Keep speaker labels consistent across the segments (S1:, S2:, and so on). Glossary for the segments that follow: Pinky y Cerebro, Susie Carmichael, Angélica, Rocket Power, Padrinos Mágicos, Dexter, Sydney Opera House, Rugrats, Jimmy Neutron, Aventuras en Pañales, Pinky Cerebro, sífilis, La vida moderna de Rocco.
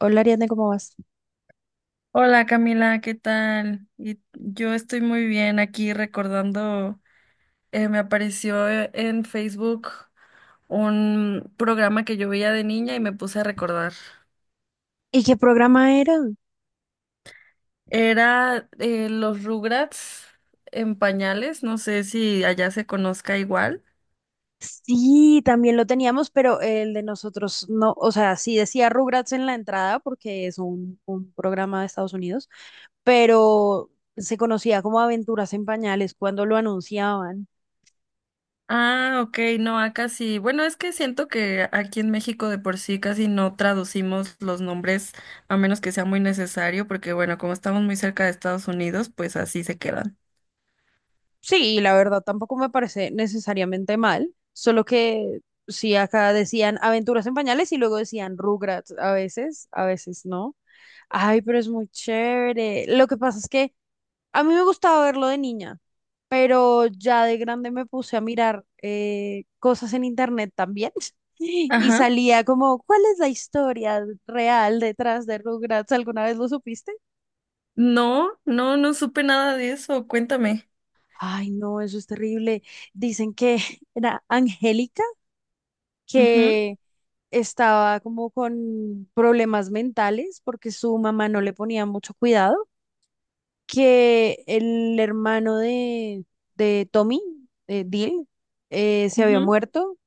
S1: Hola Ariadne, ¿cómo vas?
S2: Hola Camila, ¿qué tal? Y yo estoy muy bien aquí recordando, me apareció en Facebook un programa que yo veía de niña y me puse a recordar.
S1: ¿Y qué programa era?
S2: Era los Rugrats en pañales, no sé si allá se conozca igual.
S1: Sí, también lo teníamos, pero el de nosotros no, o sea, sí decía Rugrats en la entrada porque es un programa de Estados Unidos, pero se conocía como Aventuras en Pañales cuando lo anunciaban.
S2: Ah, ok, no, acá sí. Bueno, es que siento que aquí en México de por sí casi no traducimos los nombres a menos que sea muy necesario, porque bueno, como estamos muy cerca de Estados Unidos, pues así se quedan.
S1: Sí, la verdad tampoco me parece necesariamente mal, solo que sí acá decían Aventuras en Pañales y luego decían Rugrats a veces no. Ay, pero es muy chévere. Lo que pasa es que a mí me gustaba verlo de niña, pero ya de grande me puse a mirar cosas en internet también. Y
S2: Ajá.
S1: salía como, ¿cuál es la historia real detrás de Rugrats? ¿Alguna vez lo supiste?
S2: No, no, no supe nada de eso. Cuéntame.
S1: Ay, no, eso es terrible. Dicen que era Angélica,
S2: Ujú,
S1: que estaba como con problemas mentales porque su mamá no le ponía mucho cuidado, que el hermano de Tommy, Dil, se había
S2: ujú.
S1: muerto,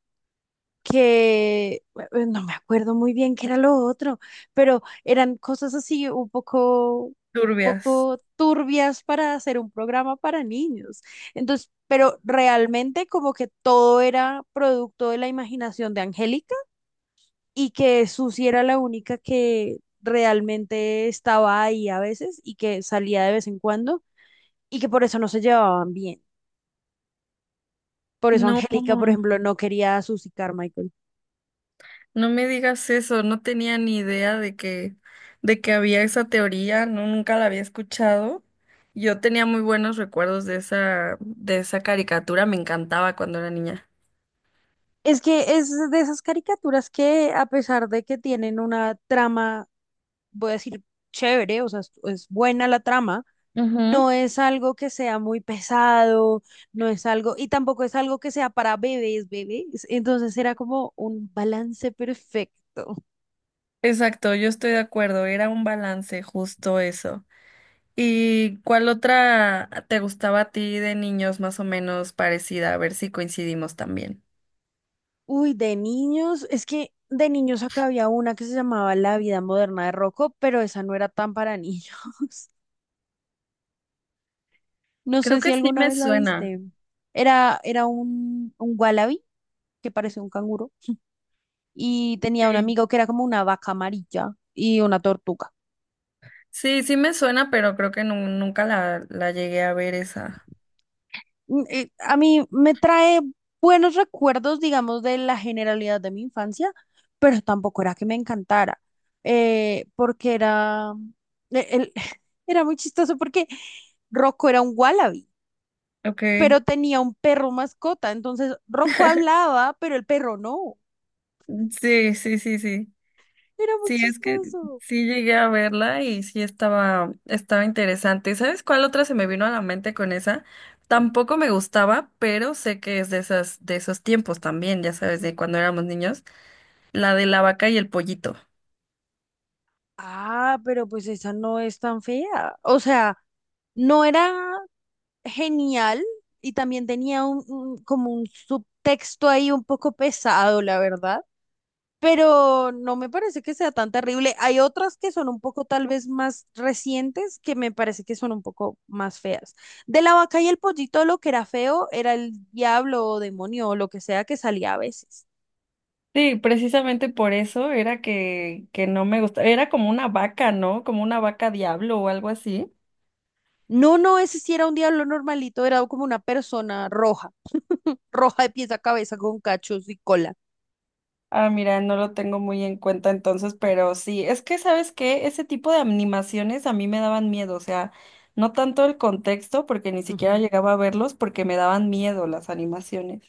S1: que no me acuerdo muy bien qué era lo otro, pero eran cosas así un
S2: Turbias.
S1: poco turbias para hacer un programa para niños. Entonces, pero realmente como que todo era producto de la imaginación de Angélica y que Susi era la única que realmente estaba ahí a veces y que salía de vez en cuando y que por eso no se llevaban bien. Por eso
S2: No,
S1: Angélica, por ejemplo, no quería a Susie Carmichael.
S2: no me digas eso. No tenía ni idea de que había esa teoría. No, nunca la había escuchado. Yo tenía muy buenos recuerdos de esa caricatura. Me encantaba cuando era niña.
S1: Es que es de esas caricaturas que, a pesar de que tienen una trama, voy a decir, chévere, o sea, es buena la trama,
S2: Ujú.
S1: no es algo que sea muy pesado, no es algo, y tampoco es algo que sea para bebés, bebés. Entonces era como un balance perfecto.
S2: Exacto, yo estoy de acuerdo. Era un balance, justo eso. ¿Y cuál otra te gustaba a ti de niños más o menos parecida? A ver si coincidimos también.
S1: Uy, de niños, es que de niños acá había una que se llamaba La vida moderna de Rocco, pero esa no era tan para niños. No
S2: Creo
S1: sé si
S2: que sí
S1: alguna
S2: me
S1: vez la
S2: suena.
S1: viste. Era un wallaby que parecía un canguro y tenía un
S2: Sí.
S1: amigo que era como una vaca amarilla y una tortuga.
S2: Sí, sí me suena, pero creo que nunca la llegué a ver esa.
S1: A mí me trae buenos recuerdos, digamos, de la generalidad de mi infancia, pero tampoco era que me encantara, porque e- el- era muy chistoso porque Rocco era un wallaby,
S2: Ok.
S1: pero tenía un perro mascota, entonces Rocco hablaba, pero el perro no.
S2: Sí, sí, sí, sí.
S1: Era muy
S2: Sí, es que
S1: chistoso.
S2: sí llegué a verla y sí estaba, estaba interesante. ¿Sabes cuál otra se me vino a la mente con esa?
S1: ¿Cuál?
S2: Tampoco me gustaba, pero sé que es de esas, de esos tiempos también, ya sabes, de
S1: Ujú.
S2: cuando éramos niños, la de la vaca y el pollito.
S1: Ah, pero pues esa no es tan fea. O sea, no era genial y también tenía como un subtexto ahí un poco pesado, la verdad. Pero no me parece que sea tan terrible. Hay otras que son un poco tal vez más recientes que me parece que son un poco más feas. De la vaca y el pollito lo que era feo era el diablo o demonio o lo que sea que salía a veces.
S2: Sí, precisamente por eso era que no me gustaba. Era como una vaca, ¿no? Como una vaca diablo o algo así.
S1: No, no, ese sí era un diablo normalito, era como una persona roja, roja de pies a cabeza con cachos y cola.
S2: Ah, mira, no lo tengo muy en cuenta entonces, pero sí, es que sabes que ese tipo de animaciones a mí me daban miedo, o sea, no tanto el contexto, porque ni siquiera
S1: Ujú.
S2: llegaba a verlos, porque me daban miedo las animaciones.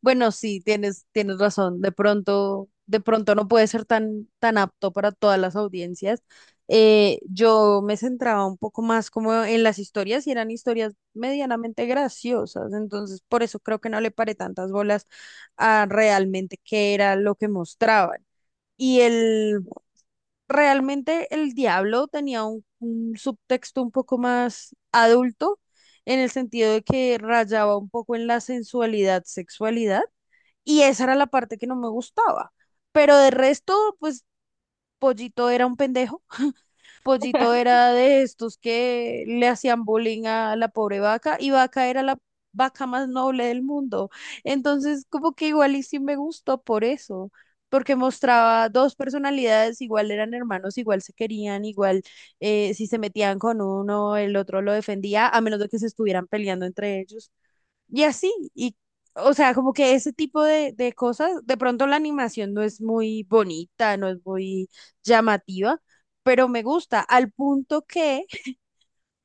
S1: Bueno, sí, tienes razón. De pronto no puede ser tan apto para todas las audiencias. Yo me centraba un poco más como en las historias y eran historias medianamente graciosas. Entonces, por eso creo que no le paré tantas bolas a realmente qué era lo que mostraban. Y el realmente el diablo tenía un subtexto un poco más adulto, en el sentido de que rayaba un poco en la sensualidad, sexualidad, y esa era la parte que no me gustaba. Pero de resto, pues Pollito era un pendejo, Pollito era de estos que le hacían bullying a la pobre vaca y vaca era la vaca más noble del mundo. Entonces, como que igual y sí me gustó por eso, porque mostraba dos personalidades, igual eran hermanos, igual se querían, igual si se metían con uno, el otro lo defendía, a menos de que se estuvieran peleando entre ellos. Y así, y o sea, como que ese tipo de cosas, de pronto la animación no es muy bonita, no es muy llamativa, pero me gusta, al punto que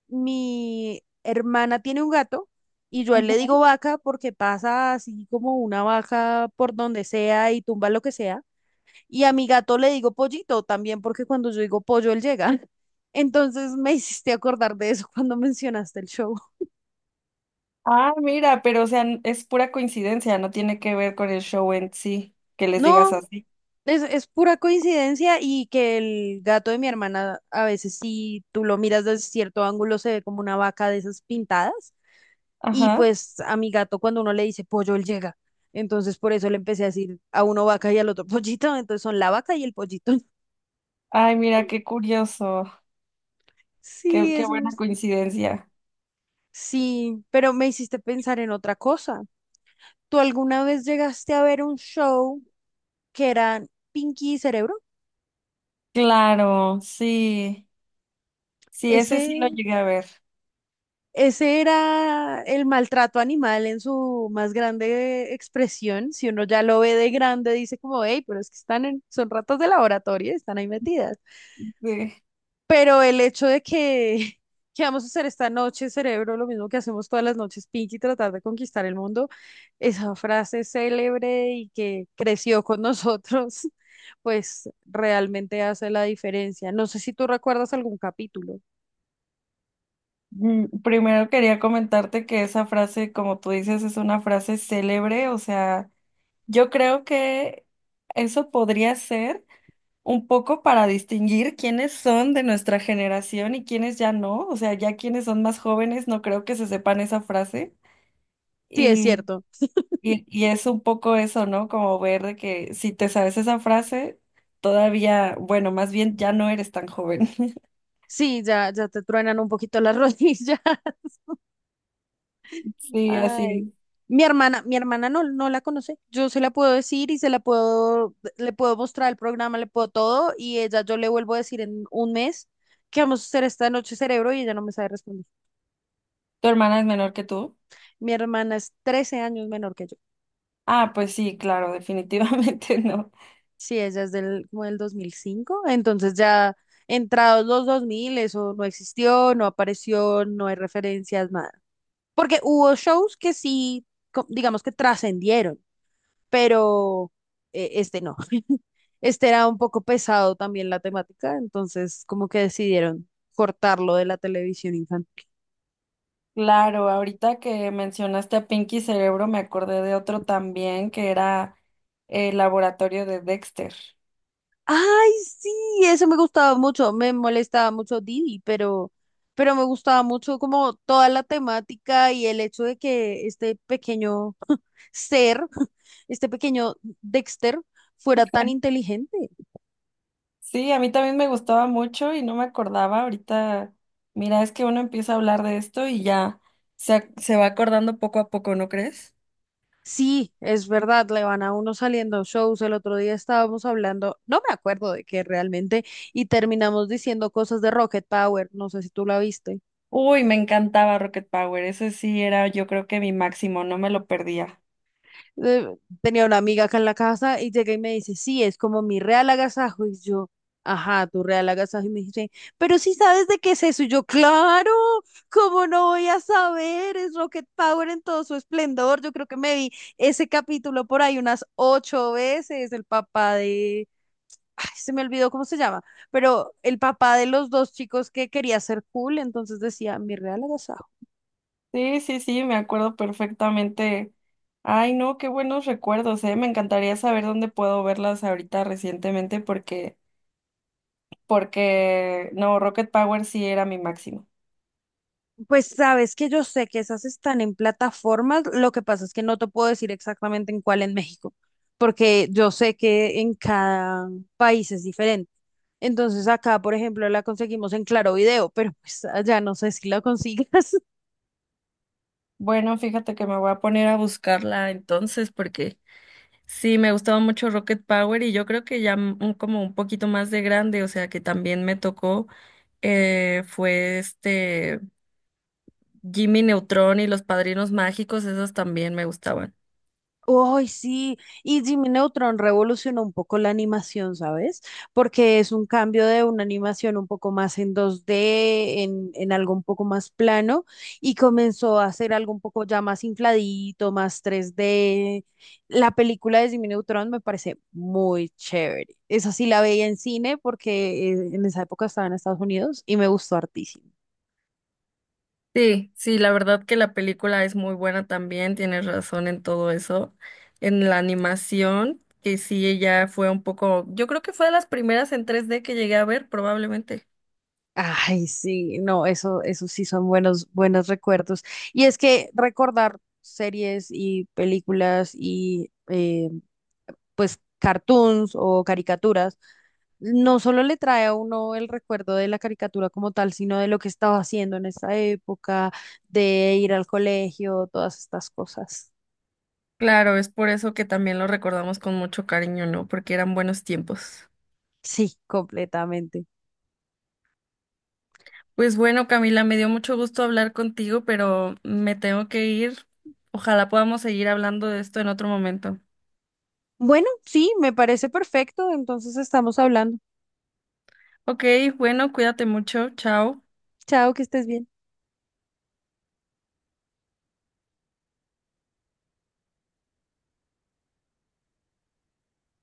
S1: mi hermana tiene un gato y yo a él
S2: Ujú.
S1: le digo vaca porque pasa así como una vaca por donde sea y tumba lo que sea, y a mi gato le digo pollito también porque cuando yo digo pollo, él llega. Entonces me hiciste acordar de eso cuando mencionaste el show.
S2: Ah, mira, pero o sea, es pura coincidencia, no tiene que ver con el show en sí, que les digas
S1: No,
S2: así.
S1: Es pura coincidencia y que el gato de mi hermana a veces si tú lo miras desde cierto ángulo se ve como una vaca de esas pintadas y
S2: Ajá.
S1: pues a mi gato cuando uno le dice pollo él llega. Entonces por eso le empecé a decir a uno vaca y al otro pollito, entonces son la vaca y el pollito.
S2: Ay, mira, qué curioso,
S1: Sí,
S2: qué
S1: es
S2: buena
S1: muy...
S2: coincidencia.
S1: Sí, pero me hiciste pensar en otra cosa. ¿Tú alguna vez llegaste a ver un show que era Pinky y Cerebro?
S2: Claro, sí, sí, ese sí lo
S1: Ese
S2: llegué a ver.
S1: Ese era el maltrato animal en su más grande expresión. Si uno ya lo ve de grande, dice como, hey, pero es que están en, son ratas de laboratorio, y están ahí metidas.
S2: Sí.
S1: Pero el hecho de que, que vamos a hacer esta noche, cerebro, lo mismo que hacemos todas las noches, Pinky, tratar de conquistar el mundo, esa frase célebre y que creció con nosotros, pues realmente hace la diferencia. No sé si tú recuerdas algún capítulo.
S2: Primero quería comentarte que esa frase, como tú dices, es una frase célebre, o sea, yo creo que eso podría ser un poco para distinguir quiénes son de nuestra generación y quiénes ya no, o sea, ya quienes son más jóvenes no creo que se sepan esa frase
S1: Sí, es
S2: y,
S1: cierto.
S2: y es un poco eso, ¿no? Como ver de que si te sabes esa frase, todavía, bueno, más bien ya no eres tan joven.
S1: Sí, ya te truenan un poquito las rodillas.
S2: Sí, así es.
S1: Ay. Mi hermana no la conoce. Yo se la puedo decir y se la puedo, le puedo mostrar el programa, le puedo todo, y ella yo le vuelvo a decir en un mes que vamos a hacer esta noche cerebro y ella no me sabe responder.
S2: ¿Tu hermana es menor que tú?
S1: Mi hermana es 13 años menor que yo.
S2: Ah, pues sí, claro, definitivamente no.
S1: Sí, ella es del, como del 2005, entonces ya entrados los 2000 eso no existió, no apareció, no hay referencias, nada. Porque hubo shows que sí, digamos que trascendieron, pero este no. Este era un poco pesado también la temática, entonces como que decidieron cortarlo de la televisión infantil.
S2: Claro, ahorita que mencionaste a Pinky Cerebro, me acordé de otro también que era el laboratorio de Dexter.
S1: Ay, sí, eso me gustaba mucho, me molestaba mucho Didi, pero me gustaba mucho como toda la temática y el hecho de que este pequeño ser, este pequeño Dexter, fuera tan inteligente.
S2: Sí, a mí también me gustaba mucho y no me acordaba. Ahorita, mira, es que uno empieza a hablar de esto y ya se va acordando poco a poco, ¿no crees?
S1: Sí, es verdad, le van a uno saliendo shows. El otro día estábamos hablando, no me acuerdo de qué realmente, y terminamos diciendo cosas de Rocket Power. No sé si tú la viste.
S2: Uy, me encantaba Rocket Power. Ese sí era, yo creo que mi máximo, no me lo perdía.
S1: Eh, tenía una amiga acá en la casa y llega y me dice, sí, es como mi real agasajo. Y yo, ajá, tu real agasajo. Y me dice, pero sí sabes de qué es eso. Y yo, claro, ¿cómo no voy a saber? Es Rocket Power en todo su esplendor. Yo creo que me vi ese capítulo por ahí unas ocho veces, el papá de ay, se me olvidó cómo se llama, pero el papá de los dos chicos que quería ser cool, entonces decía, mi real agasajo.
S2: Sí, sí, sí, me acuerdo perfectamente. Ay, no, qué buenos recuerdos, eh. Me encantaría saber dónde puedo verlas ahorita recientemente porque, no, Rocket Power sí era mi máximo.
S1: Pues sabes que yo sé que esas están en plataformas, lo que pasa es que no te puedo decir exactamente en cuál en México, porque yo sé que en cada país es diferente. Entonces acá, por ejemplo, la conseguimos en Claro Video, pero pues allá no sé si la consigas.
S2: Bueno, fíjate que me voy a poner a buscarla entonces porque sí, me gustaba mucho Rocket Power y yo creo que ya como un poquito más de grande, o sea que también me tocó, fue este Jimmy Neutron y los Padrinos Mágicos, esas también me gustaban.
S1: Uy, sí, y Jimmy Neutron revolucionó un poco la animación, ¿sabes? Porque es un cambio de una animación un poco más en 2D en algo un poco más plano, y comenzó a hacer algo un poco ya más infladito, más 3D. La película de Jimmy Neutron me parece muy chévere. Esa sí la veía en cine porque en esa época estaba en Estados Unidos y me gustó hartísimo.
S2: Sí, sí, la verdad que la película es muy buena también, tienes razón en todo eso. En la animación, que sí, ella fue un poco, yo creo que fue de las primeras en 3D que llegué a ver, probablemente.
S1: Ay, sí, no, eso sí son buenos recuerdos. Y es que recordar series y películas y pues cartoons o caricaturas, no solo le trae a uno el recuerdo de la caricatura como tal, sino de lo que estaba haciendo en esa época, de ir al colegio, todas estas cosas.
S2: Claro, es por eso que también lo recordamos con mucho cariño, ¿no? Porque eran buenos tiempos.
S1: Sí, completamente.
S2: Pues bueno, Camila, me dio mucho gusto hablar contigo, pero me tengo que ir. Ojalá podamos seguir hablando de esto en otro momento.
S1: Bueno, sí, me parece perfecto. Entonces estamos hablando.
S2: Ok, bueno, cuídate mucho, chao.
S1: Chao, que estés bien.